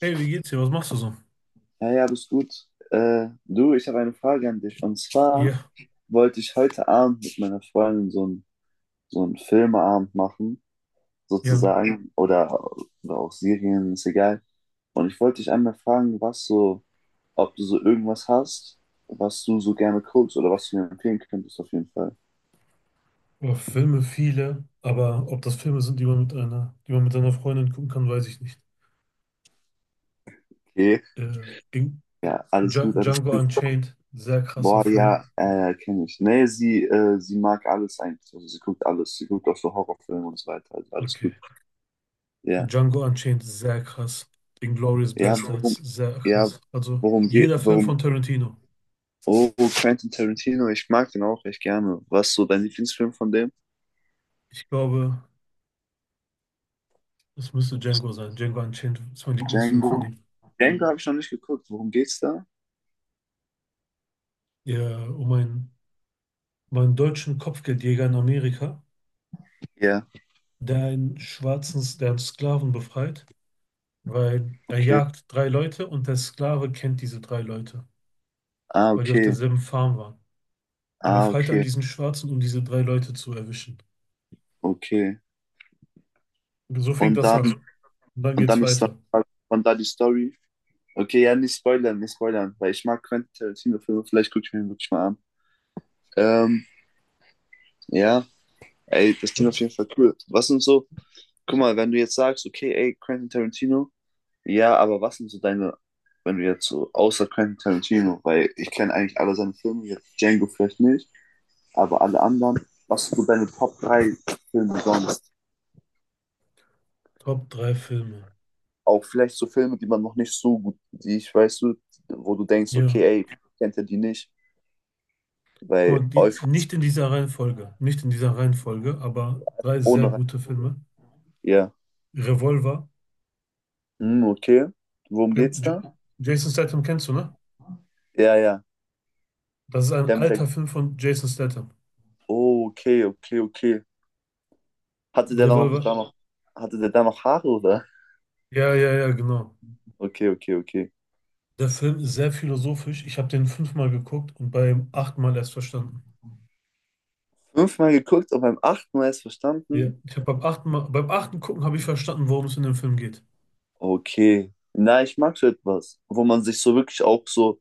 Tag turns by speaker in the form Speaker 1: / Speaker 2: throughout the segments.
Speaker 1: Hey, wie geht's dir? Was machst du so?
Speaker 2: Ja, ja, alles gut. Du, ich habe eine Frage an dich. Und zwar
Speaker 1: Ja,
Speaker 2: wollte ich heute Abend mit meiner Freundin so einen Filmeabend machen,
Speaker 1: ja.
Speaker 2: sozusagen, oder auch Serien, ist egal. Und ich wollte dich einmal fragen, ob du so irgendwas hast, was du so gerne guckst oder was du mir empfehlen könntest, auf jeden Fall.
Speaker 1: Boah, Filme viele, aber ob das Filme sind, die man mit seiner Freundin gucken kann, weiß ich nicht.
Speaker 2: Okay.
Speaker 1: Äh, in,
Speaker 2: Ja, alles gut, alles.
Speaker 1: Django Unchained, sehr krasser
Speaker 2: Boah,
Speaker 1: Film.
Speaker 2: ja, kenne ich. Nee, sie mag alles eigentlich. Also sie guckt alles. Sie guckt auch so Horrorfilme und so weiter. Also alles
Speaker 1: Okay.
Speaker 2: gut. Ja.
Speaker 1: Django Unchained, sehr krass. Inglourious
Speaker 2: Ja,
Speaker 1: Basterds,
Speaker 2: worum,
Speaker 1: sehr
Speaker 2: ja,
Speaker 1: krass. Also
Speaker 2: worum geht,
Speaker 1: jeder Film von
Speaker 2: worum,
Speaker 1: Tarantino.
Speaker 2: oh, Quentin Tarantino, ich mag den auch echt gerne. Was ist so dein Lieblingsfilm von dem?
Speaker 1: Ich glaube, es müsste Django sein. Django Unchained ist mein Lieblingsfilm von
Speaker 2: Django?
Speaker 1: ihm.
Speaker 2: Django habe ich noch nicht geguckt. Worum geht's da?
Speaker 1: Ja, um einen deutschen Kopfgeldjäger in Amerika,
Speaker 2: Ja,
Speaker 1: der einen Sklaven befreit, weil er
Speaker 2: okay.
Speaker 1: jagt drei Leute und der Sklave kennt diese drei Leute,
Speaker 2: Ah,
Speaker 1: weil die auf
Speaker 2: okay.
Speaker 1: derselben Farm waren. Er
Speaker 2: Ah,
Speaker 1: befreit dann
Speaker 2: okay.
Speaker 1: diesen Schwarzen, um diese drei Leute zu erwischen.
Speaker 2: Okay.
Speaker 1: Und so fängt
Speaker 2: Und
Speaker 1: das
Speaker 2: dann,
Speaker 1: an. Und dann
Speaker 2: und
Speaker 1: geht's
Speaker 2: dann ist dann
Speaker 1: weiter.
Speaker 2: von da die Story. Okay, ja, nicht spoilern, nicht spoilern, weil ich mag Quentin Tarantino-Filme, vielleicht gucke ich mir den wirklich mal an. Ähm, ja, ey, das klingt auf jeden Fall cool. Guck mal, wenn du jetzt sagst, okay, ey, Quentin Tarantino, ja, aber was sind so deine, wenn du jetzt so, außer Quentin Tarantino, weil ich kenne eigentlich alle seine Filme, jetzt Django vielleicht nicht, aber alle anderen, was sind so deine Top 3 Filme sonst?
Speaker 1: Top drei Filme.
Speaker 2: Auch vielleicht so Filme, die man noch nicht so gut, die ich weißt du, wo du denkst,
Speaker 1: Ja.
Speaker 2: okay, ey, kennt er die nicht,
Speaker 1: Guck
Speaker 2: weil
Speaker 1: mal,
Speaker 2: Euphorie
Speaker 1: nicht in dieser Reihenfolge. Nicht in dieser Reihenfolge, aber drei
Speaker 2: ohne
Speaker 1: sehr gute
Speaker 2: Reihenfolge.
Speaker 1: Filme.
Speaker 2: Ja,
Speaker 1: Revolver.
Speaker 2: hm, okay. Worum
Speaker 1: Ken-
Speaker 2: geht's
Speaker 1: J
Speaker 2: da?
Speaker 1: Jason Statham kennst du, ne?
Speaker 2: Ja, ja.
Speaker 1: Das ist ein
Speaker 2: Dem,
Speaker 1: alter
Speaker 2: der,
Speaker 1: Film von Jason Statham.
Speaker 2: oh, okay, okay, okay. Hatte der da noch,
Speaker 1: Revolver.
Speaker 2: da noch, hatte der da noch Haare, oder?
Speaker 1: Ja, ja, ja, genau.
Speaker 2: Okay, okay, okay.
Speaker 1: Der Film ist sehr philosophisch. Ich habe den fünfmal geguckt und beim achten Mal erst verstanden.
Speaker 2: Fünfmal geguckt und beim achten Mal erst
Speaker 1: Ja.
Speaker 2: verstanden.
Speaker 1: Ich habe beim achten Gucken habe ich verstanden, worum es in dem Film geht.
Speaker 2: Okay. Na, ich mag so etwas, wo man sich so wirklich auch so,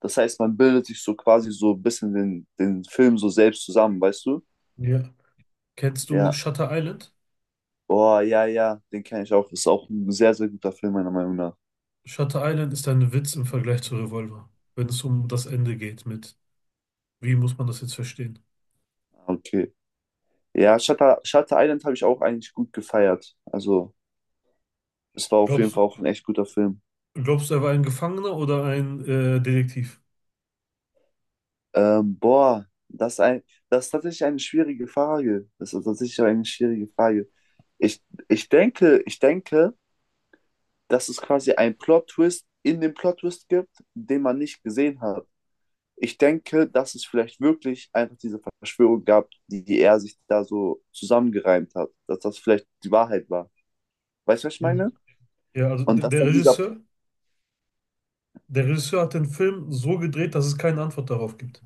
Speaker 2: das heißt, man bildet sich so quasi so ein bisschen den Film so selbst zusammen, weißt du?
Speaker 1: Ja. Kennst du
Speaker 2: Ja.
Speaker 1: Shutter Island?
Speaker 2: Boah, ja, ja, den kenne ich auch. Ist auch ein sehr, sehr guter Film, meiner Meinung nach.
Speaker 1: Shutter Island ist ein Witz im Vergleich zu Revolver, wenn es um das Ende geht wie muss man das jetzt verstehen?
Speaker 2: Ah, okay. Ja, Shutter Island habe ich auch eigentlich gut gefeiert. Also, es war auf jeden
Speaker 1: Glaubst,
Speaker 2: Fall auch ein echt guter Film.
Speaker 1: glaubst du, er war ein Gefangener oder ein Detektiv?
Speaker 2: Boah, das ist ein, das ist tatsächlich eine schwierige Frage. Das ist tatsächlich eine schwierige Frage. Ich, ich denke, dass es quasi einen Plot-Twist in dem Plot-Twist gibt, den man nicht gesehen hat. Ich denke, dass es vielleicht wirklich einfach diese Verschwörung gab, die er sich da so zusammengereimt hat, dass das vielleicht die Wahrheit war. Weißt du, was ich
Speaker 1: Ja.
Speaker 2: meine?
Speaker 1: Ja, also d-
Speaker 2: Und dass
Speaker 1: der
Speaker 2: dann dieser...
Speaker 1: Regisseur, der Regisseur hat den Film so gedreht, dass es keine Antwort darauf gibt.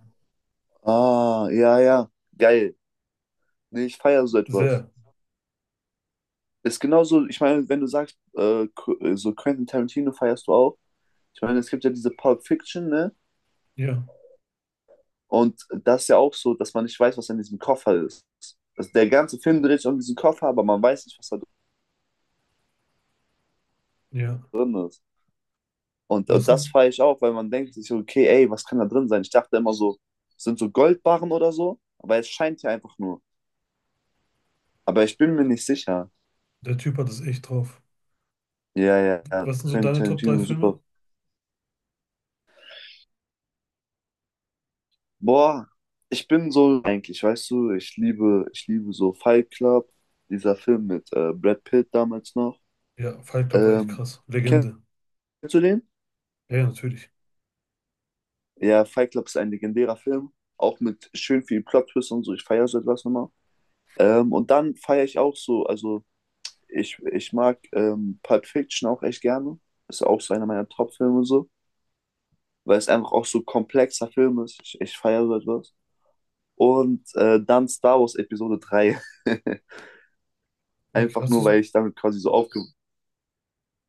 Speaker 2: Ah, ja, ja, geil. Nee, ich feiere so etwas.
Speaker 1: Sehr.
Speaker 2: Ist genauso, ich meine, wenn du sagst, so Quentin Tarantino feierst du auch. Ich meine, es gibt ja diese Pulp Fiction, ne?
Speaker 1: Ja,
Speaker 2: Und das ist ja auch so, dass man nicht weiß, was in diesem Koffer ist. Also der ganze Film dreht sich um diesen Koffer, aber man weiß nicht, was da
Speaker 1: ja.
Speaker 2: drin ist.
Speaker 1: Was
Speaker 2: Und das
Speaker 1: denn?
Speaker 2: feiere ich auch, weil man denkt sich, so, okay, ey, was kann da drin sein? Ich dachte immer so, sind so Goldbarren oder so, aber es scheint ja einfach nur. Aber ich bin mir nicht sicher.
Speaker 1: Der Typ hat es echt drauf.
Speaker 2: Ja, ja, ja.
Speaker 1: Was sind so
Speaker 2: Quentin
Speaker 1: deine Top 3
Speaker 2: Tarantino,
Speaker 1: Filme?
Speaker 2: super. Boah, ich bin so eigentlich, weißt du, ich liebe so Fight Club, dieser Film mit Brad Pitt damals noch.
Speaker 1: Ja, Fight Club war echt
Speaker 2: Ähm,
Speaker 1: krass.
Speaker 2: kennst
Speaker 1: Legende.
Speaker 2: du den?
Speaker 1: Ja, ja, natürlich.
Speaker 2: Ja, Fight Club ist ein legendärer Film, auch mit schön viel Plot-Twist und so. Ich feiere so etwas nochmal. Und dann feiere ich auch so, also ich, ich mag Pulp Fiction auch echt gerne. Ist auch so einer meiner Top-Filme so, weil es einfach auch so komplexer Film ist. Ich feiere so etwas. Und dann Star Wars Episode 3.
Speaker 1: Okay,
Speaker 2: Einfach
Speaker 1: hast du
Speaker 2: nur, weil ich damit quasi so aufge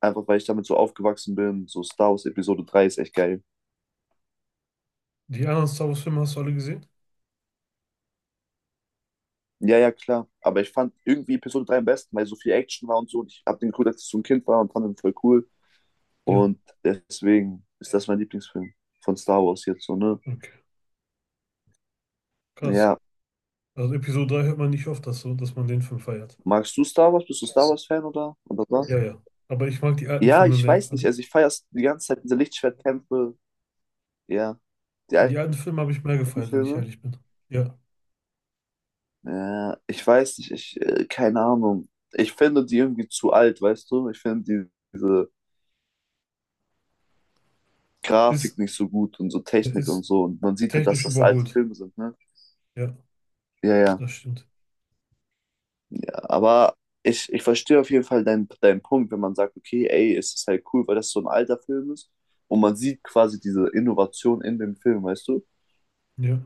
Speaker 2: einfach weil ich damit so aufgewachsen bin. So Star Wars Episode 3 ist echt geil.
Speaker 1: die anderen Star Wars Filme hast du alle gesehen?
Speaker 2: Ja, ja, klar. Aber ich fand irgendwie Episode 3 am besten, weil so viel Action war und so. Und ich habe den geguckt, als ich so ein Kind war und fand den voll cool.
Speaker 1: Ja,
Speaker 2: Und deswegen ist das mein Lieblingsfilm von Star Wars jetzt so, ne?
Speaker 1: okay. Krass.
Speaker 2: Ja.
Speaker 1: Also Episode 3 hört man nicht oft, dass, so, dass man den Film feiert.
Speaker 2: Magst du Star Wars? Bist du Star Wars-Fan oder? Oder
Speaker 1: Ja,
Speaker 2: was?
Speaker 1: ja. Aber ich mag die alten
Speaker 2: Ja,
Speaker 1: Filme
Speaker 2: ich
Speaker 1: mehr.
Speaker 2: weiß nicht.
Speaker 1: Also
Speaker 2: Also ich feiere die ganze Zeit diese Lichtschwertkämpfe. Ja. Die
Speaker 1: die
Speaker 2: alten
Speaker 1: alten Filme habe ich mehr gefeiert, wenn ich
Speaker 2: Filme.
Speaker 1: ehrlich bin. Ja.
Speaker 2: Ja, ich weiß nicht, keine Ahnung. Ich finde die irgendwie zu alt, weißt du? Ich finde diese
Speaker 1: Ist,
Speaker 2: Grafik nicht so gut und so
Speaker 1: er
Speaker 2: Technik und
Speaker 1: ist
Speaker 2: so. Und man sieht halt, dass
Speaker 1: technisch
Speaker 2: das alte
Speaker 1: überholt.
Speaker 2: Filme sind, ne?
Speaker 1: Ja,
Speaker 2: Ja, ja.
Speaker 1: das stimmt.
Speaker 2: Ja, aber ich verstehe auf jeden Fall deinen Punkt, wenn man sagt, okay, ey, es ist halt cool, weil das so ein alter Film ist. Und man sieht quasi diese Innovation in dem Film, weißt du?
Speaker 1: Ja.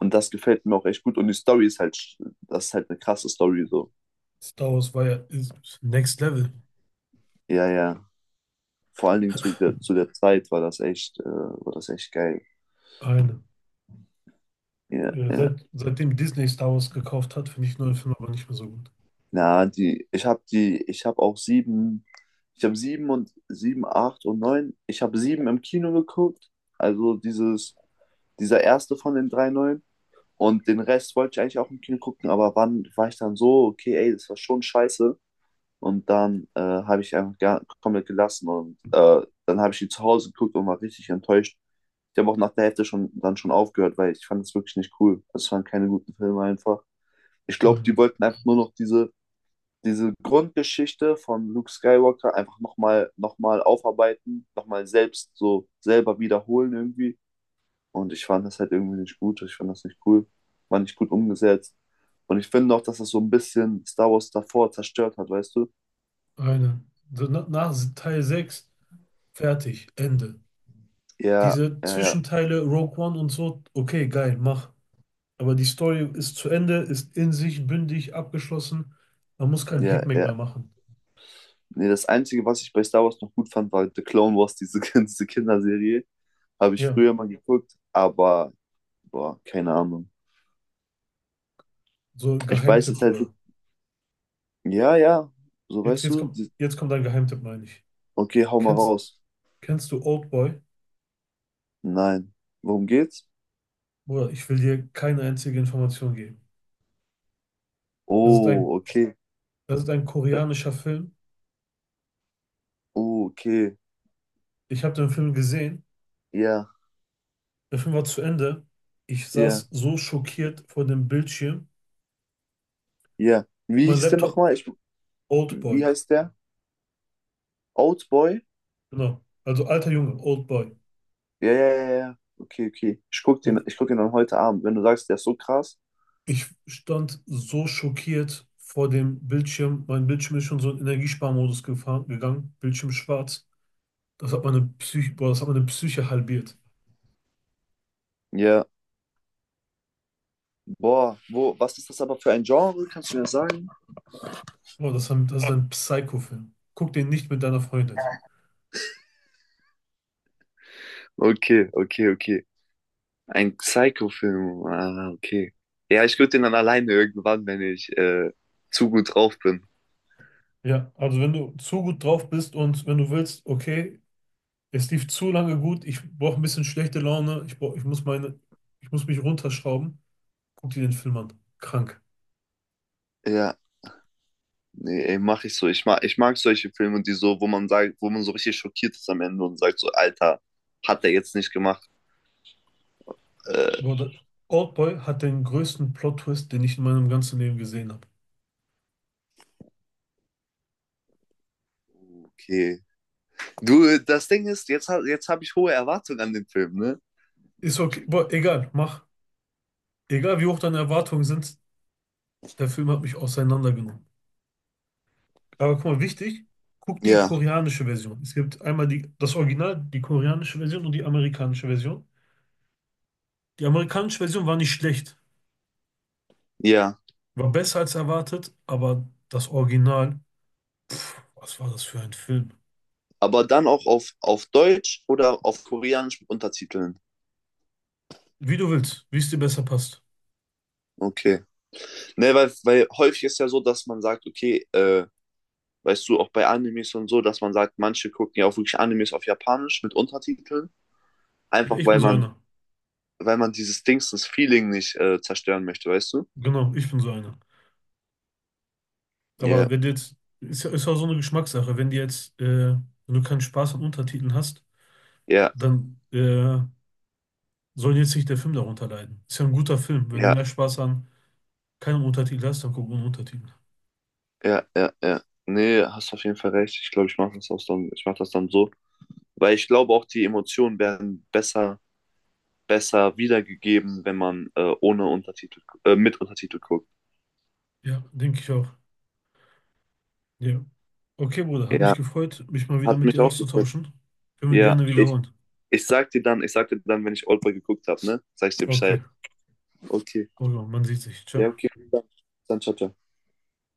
Speaker 2: Und das gefällt mir auch echt gut. Und die Story ist das ist halt eine krasse Story, so.
Speaker 1: Star Wars war ja ist Next Level.
Speaker 2: Ja, ja. Vor allen Dingen zu der Zeit war das echt geil.
Speaker 1: Eine.
Speaker 2: Ja,
Speaker 1: Äh,
Speaker 2: ja.
Speaker 1: Seit, seitdem Disney Star Wars gekauft hat, finde ich neue Filme aber nicht mehr so gut.
Speaker 2: Na, die, ich habe auch sieben, ich habe sieben und sieben, acht und neun. Ich habe sieben im Kino geguckt, also dieses, dieser erste von den drei neuen. Und den Rest wollte ich eigentlich auch im Kino gucken, aber wann war ich dann so, okay, ey, das war schon scheiße. Und dann habe ich einfach gar, komplett gelassen und dann habe ich die zu Hause geguckt und war richtig enttäuscht. Ich habe auch nach der Hälfte schon dann schon aufgehört, weil ich fand es wirklich nicht cool. Also es waren keine guten Filme einfach. Ich glaube,
Speaker 1: Eine.
Speaker 2: die wollten einfach nur noch diese Grundgeschichte von Luke Skywalker einfach noch mal aufarbeiten, nochmal selbst so selber wiederholen irgendwie. Und ich fand das halt irgendwie nicht gut. Ich fand das nicht cool. War nicht gut umgesetzt. Und ich finde auch, dass das so ein bisschen Star Wars davor zerstört hat, weißt du?
Speaker 1: Eine. So, nach Teil 6 fertig, Ende.
Speaker 2: Ja,
Speaker 1: Diese
Speaker 2: ja, ja,
Speaker 1: Zwischenteile, Rogue One und so, okay, geil, mach. Aber die Story ist zu Ende, ist in sich bündig, abgeschlossen. Man muss keinen
Speaker 2: ja,
Speaker 1: Heckmeck
Speaker 2: ja.
Speaker 1: mehr machen.
Speaker 2: Nee, das Einzige, was ich bei Star Wars noch gut fand, war The Clone Wars, diese Kinderserie. Habe ich
Speaker 1: Ja,
Speaker 2: früher mal geguckt, aber, boah, keine Ahnung.
Speaker 1: so
Speaker 2: Ich weiß
Speaker 1: Geheimtipp,
Speaker 2: jetzt halt,
Speaker 1: Bruder.
Speaker 2: ja, ja, so
Speaker 1: Jetzt,
Speaker 2: weißt
Speaker 1: jetzt
Speaker 2: du,
Speaker 1: kommt,
Speaker 2: die-
Speaker 1: jetzt kommt ein Geheimtipp, meine ich.
Speaker 2: okay, hau mal
Speaker 1: Kennst,
Speaker 2: raus.
Speaker 1: kennst du Oldboy?
Speaker 2: Nein. Worum geht's?
Speaker 1: Bruder, ich will dir keine einzige Information geben. Das ist ein,
Speaker 2: Oh, okay.
Speaker 1: das ist ein koreanischer Film.
Speaker 2: Oh, okay.
Speaker 1: Ich habe den Film gesehen.
Speaker 2: Ja,
Speaker 1: Der Film war zu Ende. Ich saß
Speaker 2: ja,
Speaker 1: so schockiert vor dem Bildschirm.
Speaker 2: ja. Wie
Speaker 1: Mein
Speaker 2: hieß der
Speaker 1: Laptop,
Speaker 2: nochmal? Ich,
Speaker 1: Old
Speaker 2: wie
Speaker 1: Boy.
Speaker 2: heißt der? Oldboy?
Speaker 1: Genau. Also alter Junge, Old Boy.
Speaker 2: Ja, ja, ja, ja. Okay, okay.
Speaker 1: Boah,
Speaker 2: Ich guck den dann heute Abend. Wenn du sagst, der ist so krass.
Speaker 1: ich stand so schockiert vor dem Bildschirm. Mein Bildschirm ist schon so in Energiesparmodus gefahren, gegangen. Bildschirm schwarz. Das hat meine Psyche, boah, das hat meine Psyche halbiert.
Speaker 2: Ja. Boah, was ist das aber für ein Genre? Kannst du mir das sagen?
Speaker 1: Boah, das ist ein Psycho-Film. Guck den nicht mit deiner Freundin.
Speaker 2: Okay, okay, okay. Ein Psycho-Film. Ah, okay. Ja, ich guck den dann alleine irgendwann, wenn ich zu gut drauf bin.
Speaker 1: Ja, also wenn du zu gut drauf bist und wenn du willst, okay, es lief zu lange gut, ich brauche ein bisschen schlechte Laune, ich muss mich runterschrauben, guck dir den Film an. Krank.
Speaker 2: Ja. Nee, ey, mach ich so. Ich mag solche Filme, die so, wo man sagt, wo man so richtig schockiert ist am Ende und sagt so, Alter, hat er jetzt nicht gemacht. Äh,
Speaker 1: Boah, Oldboy hat den größten Plot-Twist, den ich in meinem ganzen Leben gesehen habe.
Speaker 2: okay. Du, das Ding ist, jetzt habe ich hohe Erwartungen an den Film, ne?
Speaker 1: Ist okay, boah, egal, mach. Egal wie hoch deine Erwartungen sind, der Film hat mich auseinandergenommen. Aber guck mal, wichtig, guck die
Speaker 2: Ja,
Speaker 1: koreanische Version. Es gibt einmal die, das Original, die koreanische Version und die amerikanische Version. Die amerikanische Version war nicht schlecht,
Speaker 2: ja.
Speaker 1: war besser als erwartet, aber das Original, was war das für ein Film?
Speaker 2: Aber dann auf Deutsch oder auf Koreanisch mit Untertiteln.
Speaker 1: Wie du willst, wie es dir besser passt.
Speaker 2: Okay. Ne, weil häufig ist ja so, dass man sagt, okay, weißt du, auch bei Animes und so, dass man sagt, manche gucken ja auch wirklich Animes auf Japanisch mit Untertiteln.
Speaker 1: Ja,
Speaker 2: Einfach
Speaker 1: ich bin so einer.
Speaker 2: weil man dieses Dings, das Feeling nicht zerstören möchte, weißt du?
Speaker 1: Genau, ich bin so einer. Aber
Speaker 2: Ja,
Speaker 1: wenn du jetzt, ist, ja- ist auch so eine Geschmackssache, wenn du keinen Spaß an Untertiteln hast,
Speaker 2: ja,
Speaker 1: dann soll jetzt nicht der Film darunter leiden. Ist ja ein guter Film. Wenn du
Speaker 2: ja,
Speaker 1: mehr Spaß an keinem Untertitel hast, dann guck ohne Untertitel.
Speaker 2: ja, ja, ja. Nee, hast auf jeden Fall recht. Ich glaube, ich mache das dann so. Weil ich glaube auch, die Emotionen werden besser, besser wiedergegeben, wenn man ohne Untertitel, mit Untertitel guckt.
Speaker 1: Ja, denke ich auch. Ja. Okay, Bruder, hat mich
Speaker 2: Ja,
Speaker 1: gefreut, mich mal wieder
Speaker 2: hat
Speaker 1: mit
Speaker 2: mich
Speaker 1: dir
Speaker 2: auch gefreut.
Speaker 1: auszutauschen. Können wir
Speaker 2: Ja,
Speaker 1: gerne wiederholen.
Speaker 2: ich sag dir dann, wenn ich Oldboy geguckt habe, ne? Sag ich dir
Speaker 1: Okay,
Speaker 2: Bescheid. Okay.
Speaker 1: Bruder, man sieht sich. Ciao.
Speaker 2: Ja, okay. Dann ciao, ciao.